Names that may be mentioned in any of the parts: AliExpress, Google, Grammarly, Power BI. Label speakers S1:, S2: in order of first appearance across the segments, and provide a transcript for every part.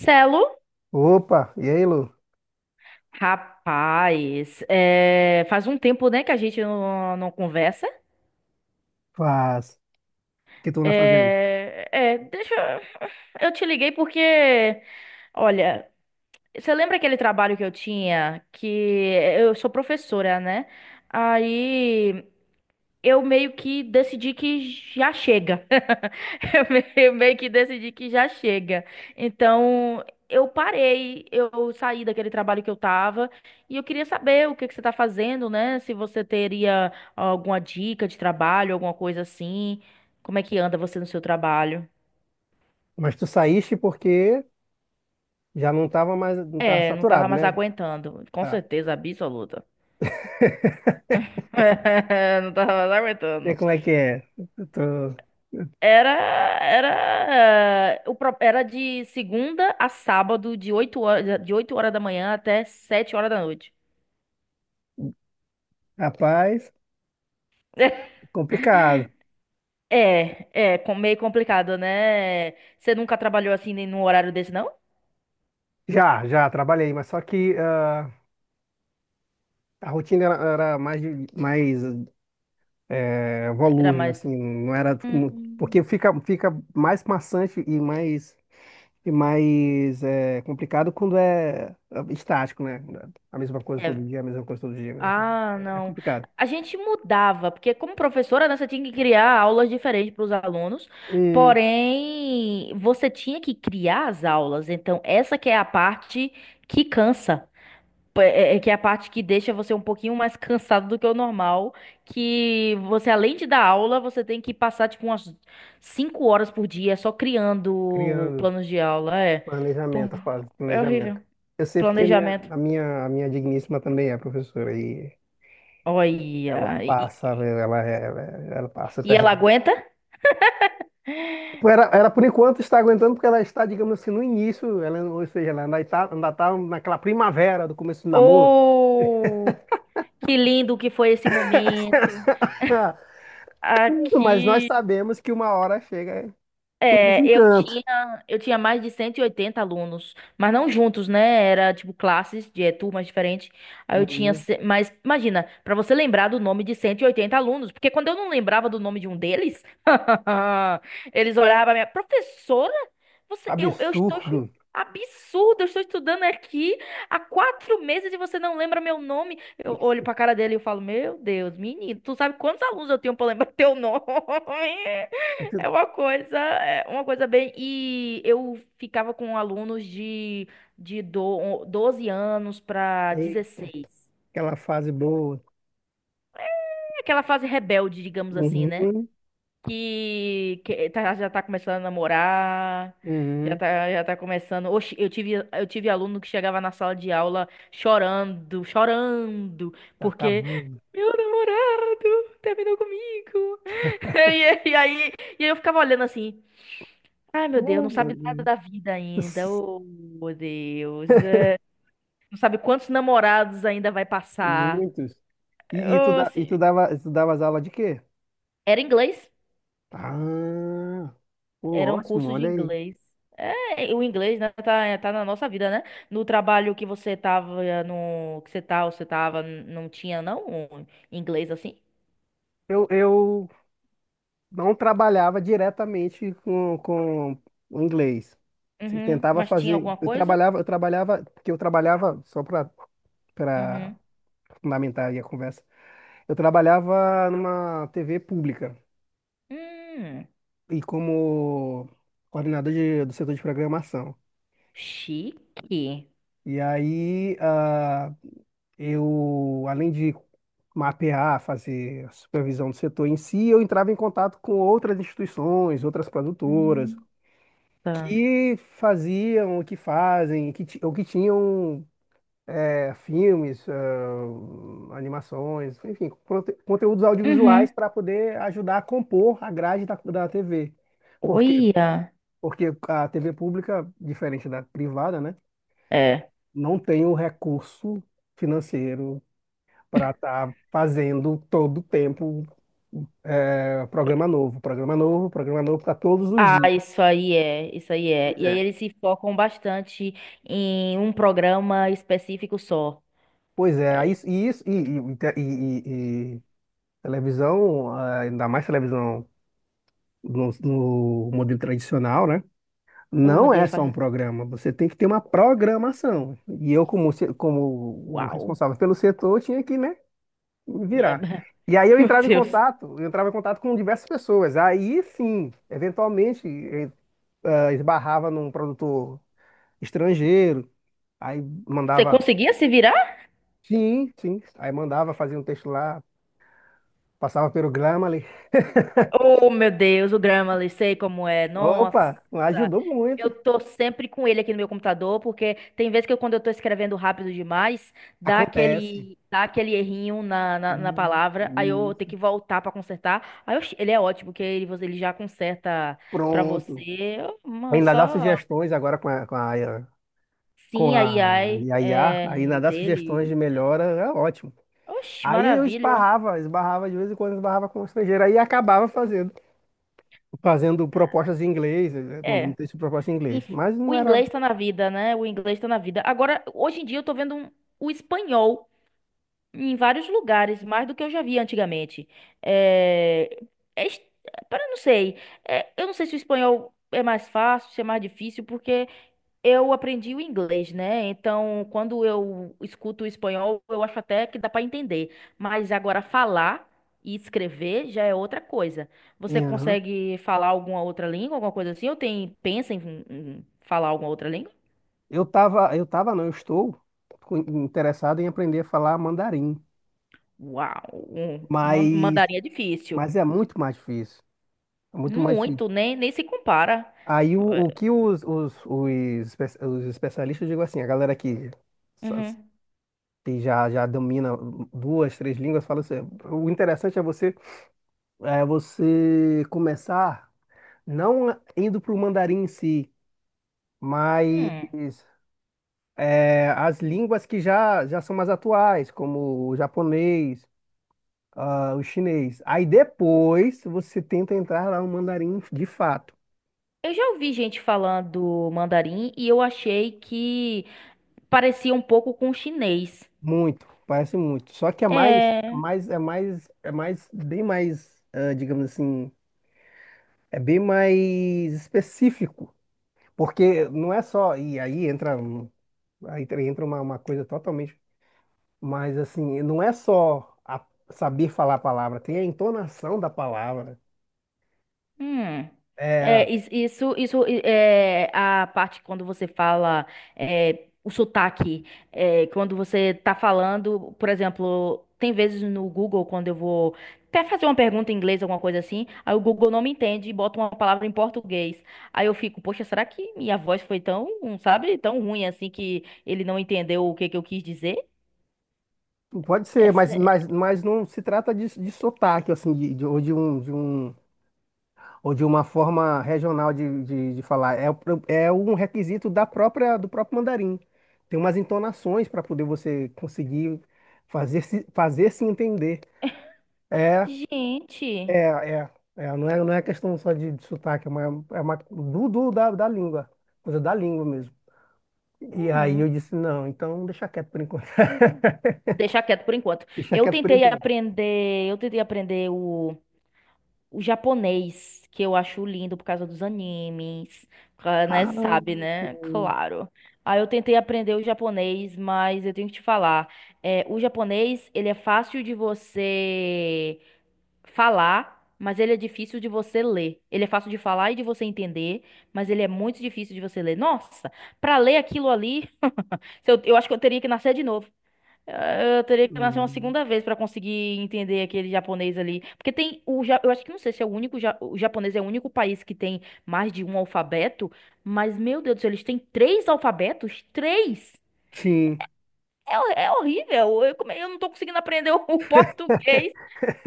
S1: Celo,
S2: Opa, e aí, Lu?
S1: rapaz, faz um tempo, né, que a gente não, não conversa.
S2: Faz. O que tu anda fazendo?
S1: Deixa eu te liguei porque, olha, você lembra aquele trabalho que eu tinha que eu sou professora, né? Aí eu meio que decidi que já chega. Eu meio que decidi que já chega. Então, eu parei, eu saí daquele trabalho que eu tava e eu queria saber o que que você tá fazendo, né? Se você teria alguma dica de trabalho, alguma coisa assim. Como é que anda você no seu trabalho?
S2: Mas tu saíste porque já não tava mais, não tava
S1: É, não tava
S2: saturado,
S1: mais
S2: né?
S1: aguentando. Com
S2: Tá.
S1: certeza absoluta. Não tava mais
S2: E
S1: aguentando.
S2: como é que é? Eu tô...
S1: Era, era, eh, o, pro- era de segunda a sábado, de oito horas da manhã até 7 horas da noite.
S2: Rapaz, complicado.
S1: É meio complicado, né? Você nunca trabalhou assim nem num horário desse, não?
S2: Já, já trabalhei, mas só que a rotina era, era mais, mais
S1: Era
S2: volúvel,
S1: mais.
S2: assim, não era como- porque
S1: Hum.
S2: fica, fica mais maçante e mais. E mais é complicado quando é estático, né? A mesma coisa
S1: É.
S2: todo dia, a mesma coisa todo dia, a mesma coisa.
S1: Ah,
S2: É
S1: não.
S2: complicado.
S1: A gente mudava, porque como professora, né, você tinha que criar aulas diferentes para os alunos,
S2: Hum,
S1: porém, você tinha que criar as aulas. Então, essa que é a parte que cansa. É que é a parte que deixa você um pouquinho mais cansado do que o normal, que você, além de dar aula, você tem que passar, tipo, umas 5 horas por dia só criando
S2: Criando
S1: planos de aula. É, pô,
S2: planejamento, a fase de
S1: é horrível.
S2: planejamento. Eu sei porque
S1: Planejamento.
S2: a minha digníssima também é professora e ela
S1: Olha. E,
S2: passa,
S1: e-
S2: velho, ela passa
S1: e ela
S2: terreno.
S1: aguenta?
S2: Tipo, ela, por enquanto, está aguentando porque ela está, digamos assim, no início, ela, ou seja, ela ainda está, ainda tá naquela primavera do começo do namoro.
S1: Oh, que lindo que foi esse momento.
S2: Mas nós
S1: Aqui.
S2: sabemos que uma hora chega o
S1: É, eu
S2: desencanto.
S1: tinha, eu tinha mais de 180 alunos, mas não juntos, né? Era tipo classes de turmas diferentes. Aí eu tinha,
S2: Uhum.
S1: ce- Mas imagina, pra você lembrar do nome de 180 alunos, porque quando eu não lembrava do nome de um deles, eles olhavam pra minha professora, você,
S2: Absurdo.
S1: absurdo, eu estou estudando aqui há 4 meses e você não lembra meu nome. Eu olho pra cara dele e eu falo, meu Deus, menino, tu sabe quantos alunos eu tenho pra lembrar teu nome? É uma coisa bem. E eu ficava com alunos 12 anos para
S2: Eita,
S1: 16.
S2: aquela fase boa.
S1: É aquela fase rebelde, digamos assim, né?
S2: Uhum.
S1: Já tá começando a namorar, já
S2: Uhum.
S1: tá, já tá começando. Oxi, eu tive aluno que chegava na sala de aula chorando, chorando,
S2: Tá
S1: porque
S2: acabando.
S1: meu namorado terminou comigo. E, e aí, e aí eu ficava olhando assim. Ai, meu Deus,
S2: Ah,
S1: não
S2: meu
S1: sabe nada
S2: Deus.
S1: da vida ainda. Oh, meu Deus. Não sabe quantos namorados ainda vai passar.
S2: Muitos. E, e, tu,
S1: Oh,
S2: da- e tu
S1: se-
S2: dava, tu dava as aulas de quê?
S1: Era inglês.
S2: Ah, pô,
S1: Era um
S2: ótimo,
S1: curso de
S2: olha aí.
S1: inglês. É, o inglês, né, tá na nossa vida, né? No trabalho que você tava, eh, no, que você tá, você tava, não tinha, não, um inglês assim?
S2: Eu não trabalhava diretamente com o inglês. Se
S1: Uhum.
S2: tentava
S1: Mas tinha
S2: fazer,
S1: alguma coisa?
S2: eu trabalhava, porque eu trabalhava só para
S1: Uhum.
S2: fundamentar aí a conversa. Eu trabalhava numa TV pública
S1: Hum,
S2: e como coordenador do setor de programação.
S1: chique.
S2: E aí, ah, eu, além de mapear, fazer a supervisão do setor em si, eu entrava em contato com outras instituições, outras produtoras,
S1: Hum. Tá.
S2: que fazem, ou que tinham é, filmes, ah, animações, enfim, conteúdos audiovisuais
S1: Uhum.
S2: para poder ajudar a compor a grade da TV.
S1: Olha.
S2: Porque a TV pública, diferente da privada, né,
S1: É.
S2: não tem o recurso financeiro para estar fazendo todo o tempo é, programa novo, programa novo, programa novo para todos os
S1: Ah,
S2: dias.
S1: isso aí é.
S2: Pois
S1: E aí
S2: é.
S1: eles se focam bastante em um programa específico só.
S2: Pois é, aí isso, e, isso, e televisão, ah, ainda mais televisão no modelo tradicional, né?
S1: Oh, meu
S2: Não é
S1: Deus,
S2: só um
S1: faz.
S2: programa, você tem que ter uma programação. E eu, como, se- como o
S1: Uau.
S2: responsável pelo setor, tinha que, né,
S1: É,
S2: virar. E aí
S1: meu Deus.
S2: eu entrava em contato com diversas pessoas. Aí sim, eventualmente ah, esbarrava num produtor estrangeiro, aí
S1: Você
S2: mandava,
S1: conseguia se virar?
S2: sim, sim, aí mandava fazer um texto lá, passava pelo Grammarly.
S1: Oh, meu Deus, o Grammarly, sei como é. Nossa,
S2: Opa, ajudou
S1: eu
S2: muito.
S1: tô sempre com ele aqui no meu computador, porque tem vezes que eu, quando eu tô escrevendo rápido demais, dá
S2: Acontece.
S1: aquele, dá aquele errinho na
S2: E- e
S1: palavra, aí eu tenho que voltar pra consertar. Aí eu ele é ótimo, porque ele, ele já conserta pra
S2: Pronto.
S1: você. Uma-
S2: Ainda dá
S1: só
S2: sugestões agora com
S1: Sim, a
S2: a
S1: AI
S2: IA,
S1: é,
S2: ainda dá sugestões de
S1: dele.
S2: melhora, é ótimo.
S1: Oxe,
S2: Aí eu
S1: maravilha.
S2: esbarrava, esbarrava de vez em quando, esbarrava com um estrangeiro. Aí acabava fazendo propostas em inglês, mandando
S1: É.
S2: texto de proposta em inglês.
S1: Enf-
S2: Mas não
S1: O
S2: era.
S1: inglês tá na vida, né? O inglês tá na vida. Agora, hoje em dia, eu tô vendo o espanhol em vários lugares, mais do que eu já vi antigamente. É... é es- Pera, eu não sei. É, eu não sei se o espanhol é mais fácil, se é mais difícil, porque eu aprendi o inglês, né? Então, quando eu escuto o espanhol, eu acho até que dá para entender. Mas agora falar e escrever já é outra coisa.
S2: E,
S1: Você
S2: aham.
S1: consegue falar alguma outra língua, alguma coisa assim? Ou tem, pensa em falar alguma outra língua?
S2: Eu tava, não, eu estou interessado em aprender a falar mandarim.
S1: Uau, um
S2: Mas,
S1: mandarim é difícil.
S2: mas é muito mais difícil. É muito mais difícil.
S1: Muito, nem se compara.
S2: Aí o que os, espe- os especialistas, eu digo assim, a galera que, sa-
S1: Uhum.
S2: que já domina duas, três línguas, fala assim, o interessante é você começar não indo para o mandarim em si, mas
S1: Hum.
S2: é, as línguas que já são mais atuais, como o japonês, ah, o chinês. Aí depois você tenta entrar lá no mandarim de fato.
S1: Eu já ouvi gente falando mandarim e eu achei que parecia um pouco com chinês.
S2: Muito, parece muito. Só que
S1: É.
S2: é mais, bem mais, ah, digamos assim, é bem mais específico. Porque não é só, e aí entra, um- aí entra uma coisa totalmente. Mas assim, não é só a- saber falar a palavra, tem a entonação da palavra.
S1: Hum. É,
S2: É,
S1: is- isso, isso é a parte quando você fala, é, o sotaque. É, quando você tá falando, por exemplo, tem vezes no Google, quando eu vou até fazer uma pergunta em inglês, alguma coisa assim, aí o Google não me entende e bota uma palavra em português. Aí eu fico, poxa, será que minha voz foi tão, sabe, tão ruim assim que ele não entendeu o que que eu quis dizer?
S2: pode ser,
S1: Essa-
S2: mas não se trata de sotaque, assim, ou de um, ou de uma forma regional de falar. É, é um requisito da própria, do próprio mandarim. Tem umas entonações para poder você conseguir fazer se entender. É,
S1: Gente.
S2: é, é, é, não é questão só de sotaque, é uma da língua, coisa da língua mesmo. E aí
S1: Hum.
S2: eu disse, não, então deixa quieto por enquanto.
S1: Deixar quieto por enquanto.
S2: Deixa
S1: Eu
S2: quieto por
S1: tentei
S2: enquanto.
S1: aprender, eu tentei aprender o japonês, que eu acho lindo por causa dos animes, né?
S2: Ah,
S1: Sabe, né?
S2: sim.
S1: Claro. Aí eu tentei aprender o japonês, mas eu tenho que te falar, o japonês, ele é fácil de você falar, mas ele é difícil de você ler. Ele é fácil de falar e de você entender, mas ele é muito difícil de você ler. Nossa, pra ler aquilo ali, eu acho que eu teria que nascer de novo. Eu teria que nascer uma
S2: Né.
S1: segunda vez pra conseguir entender aquele japonês ali. Porque eu acho que não sei se é o único. O japonês é o único país que tem mais de um alfabeto. Mas, meu Deus do céu, eles têm três alfabetos? Três!
S2: Sim.
S1: É horrível. Eu não tô conseguindo aprender o português.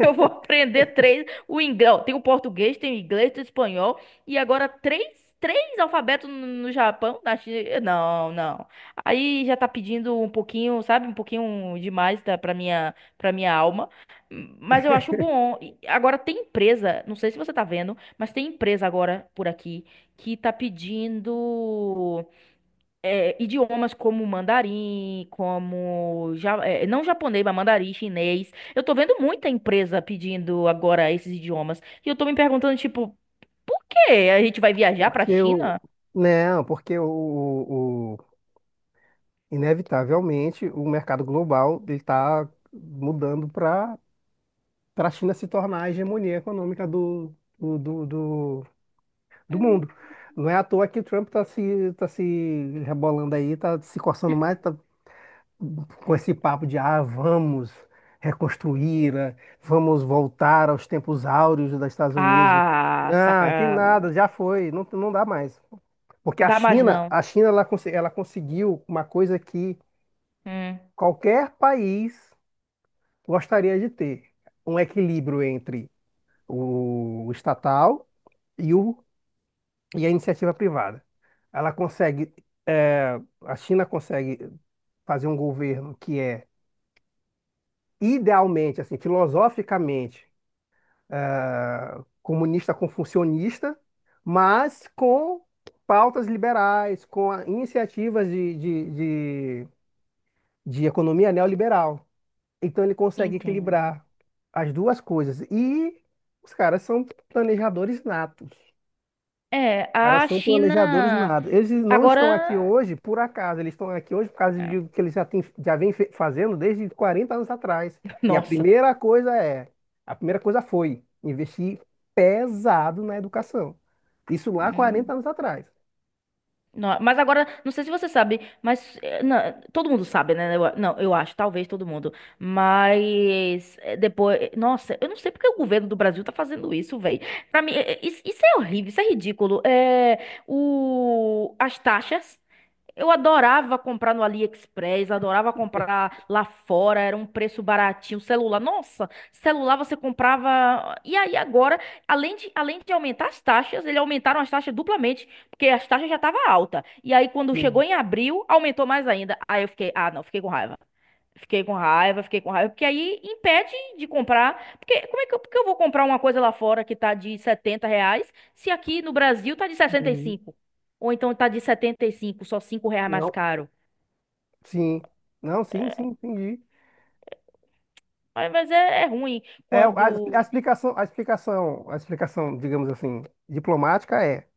S1: Eu vou aprender três. O inglês, ó, tem o português, tem o inglês, tem o espanhol. E agora três, três alfabetos no Japão, na China. Não, não. Aí já tá pedindo um pouquinho, sabe? Um pouquinho demais tá, pra minha alma. Mas eu acho bom. E agora tem empresa, não sei se você tá vendo, mas tem empresa agora por aqui que tá pedindo idiomas como mandarim, como não japonês, mas mandarim, chinês. Eu tô vendo muita empresa pedindo agora esses idiomas. E eu tô me perguntando, tipo, quê? A gente vai viajar pra
S2: Porque o.
S1: China?
S2: Não, porque o- inevitavelmente o mercado global ele está mudando para a China se tornar a hegemonia econômica do, do, do, do
S1: Hum.
S2: mundo. Não é à toa que o Trump está se, tá se rebolando aí, está se coçando mais, tá com esse papo de ah, vamos reconstruir, ah, vamos voltar aos tempos áureos dos Estados Unidos.
S1: Ah,
S2: Ah, que
S1: saca.
S2: nada, já foi, não, não dá mais. Porque
S1: Dá mais não.
S2: A China ela, ela conseguiu uma coisa que
S1: Hum,
S2: qualquer país gostaria de ter, um equilíbrio entre o estatal e, o, e a iniciativa privada. Ela consegue, eh, a China consegue fazer um governo que é idealmente, assim, filosoficamente, eh, comunista com funcionista, mas com pautas liberais, iniciativas de economia neoliberal. Então ele consegue
S1: entendo.
S2: equilibrar as duas coisas. E os caras são planejadores natos.
S1: É,
S2: Caras
S1: a
S2: são
S1: China
S2: planejadores nada. Eles não
S1: agora.
S2: estão aqui hoje por acaso, eles estão aqui hoje por causa de o que eles já, têm, já vêm fazendo desde 40 anos atrás. E a
S1: Nossa.
S2: primeira coisa é, a primeira coisa foi investir pesado na educação. Isso lá quarenta
S1: Hum.
S2: anos atrás.
S1: Não, mas agora, não sei se você sabe, mas todo mundo sabe, né? Não, eu acho, talvez todo mundo. Mas depois, nossa, eu não sei porque o governo do Brasil tá fazendo isso, velho. Pra mim, isso é horrível, isso é ridículo. É, as taxas. Eu adorava comprar no AliExpress, adorava comprar lá fora, era um preço baratinho. Celular, nossa, celular você comprava. E aí agora, além de aumentar as taxas, eles aumentaram as taxas duplamente, porque as taxas já estavam alta. E aí quando chegou
S2: Sim.
S1: em abril, aumentou mais ainda. Aí eu fiquei, ah, não, fiquei com raiva. Fiquei com raiva, fiquei com raiva, porque aí impede de comprar. Porque como é que eu, porque eu vou comprar uma coisa lá fora que tá de R$ 70, se aqui no Brasil tá de sessenta e
S2: Uhum.
S1: cinco Ou então tá de 75, só R$ 5 mais
S2: Não,
S1: caro.
S2: sim. Não, sim, sim, entendi.
S1: Mas, é ruim
S2: A
S1: quando
S2: explicação, digamos assim, diplomática é,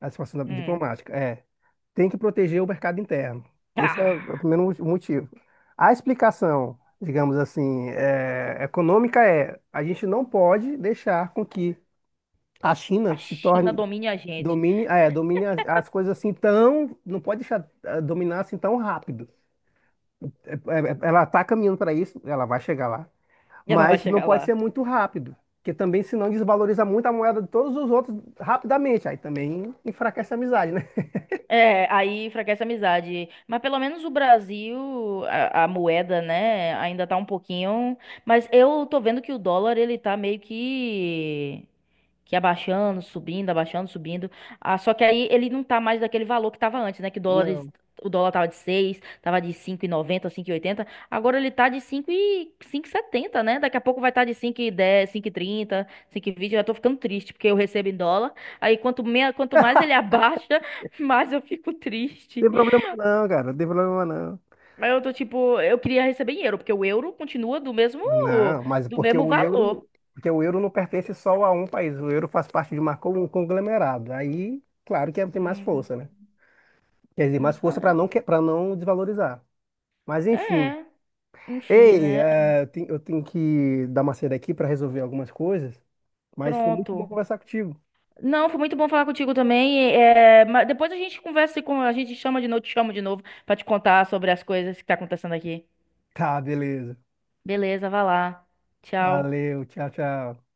S1: hum,
S2: diplomática é tem que proteger o mercado interno. Esse é o
S1: ah,
S2: primeiro motivo. A explicação, digamos assim, é, econômica é a gente não pode deixar com que a
S1: a
S2: China se
S1: China
S2: torne,
S1: domina a gente.
S2: domine, é, domine as coisas assim tão, não pode deixar eh, dominar assim tão rápido. Ela está caminhando para isso, ela vai chegar lá,
S1: E ela vai
S2: mas não
S1: chegar
S2: pode
S1: lá.
S2: ser muito rápido. Porque também, senão, desvaloriza muito a moeda de todos os outros rapidamente. Aí também enfraquece a amizade, né?
S1: É, aí enfraquece a amizade. Mas pelo menos o Brasil, a moeda, né, ainda tá um pouquinho. Mas eu tô vendo que o dólar, ele tá meio que ia abaixando, subindo, abaixando, subindo. Ah, só que aí ele não tá mais daquele valor que tava antes, né? Que
S2: Não,
S1: dólares,
S2: não
S1: o dólar tava de 6, tava de cinco e noventa, 5,80. Agora ele tá de cinco e setenta, né? Daqui a pouco vai estar tá de 5,10, 5,30, 5,20. Eu já tô ficando triste porque eu recebo em dólar. Aí quanto mais ele abaixa, mais eu fico triste.
S2: tem problema não, cara. Não tem problema não.
S1: Mas eu tô tipo, eu queria receber em euro, porque o euro continua do mesmo
S2: Não, mas
S1: do
S2: porque
S1: mesmo
S2: o
S1: valor.
S2: euro, porque o euro não pertence só a um país. O euro faz parte de um conglomerado. Aí, claro que é, tem mais
S1: Hum,
S2: força, né? Quer dizer,
S1: não
S2: mais força
S1: sabe.
S2: para não desvalorizar. Mas enfim.
S1: É, enfim,
S2: Ei,
S1: né?
S2: eh, eu tenho que dar uma saída aqui para resolver algumas coisas, mas foi muito
S1: Pronto.
S2: bom conversar contigo.
S1: Não, foi muito bom falar contigo também. É, mas depois a gente conversa e com a gente chama de novo, te chamo de novo pra te contar sobre as coisas que tá acontecendo aqui.
S2: Tá, beleza.
S1: Beleza, vai lá. Tchau.
S2: Valeu, tchau, tchau.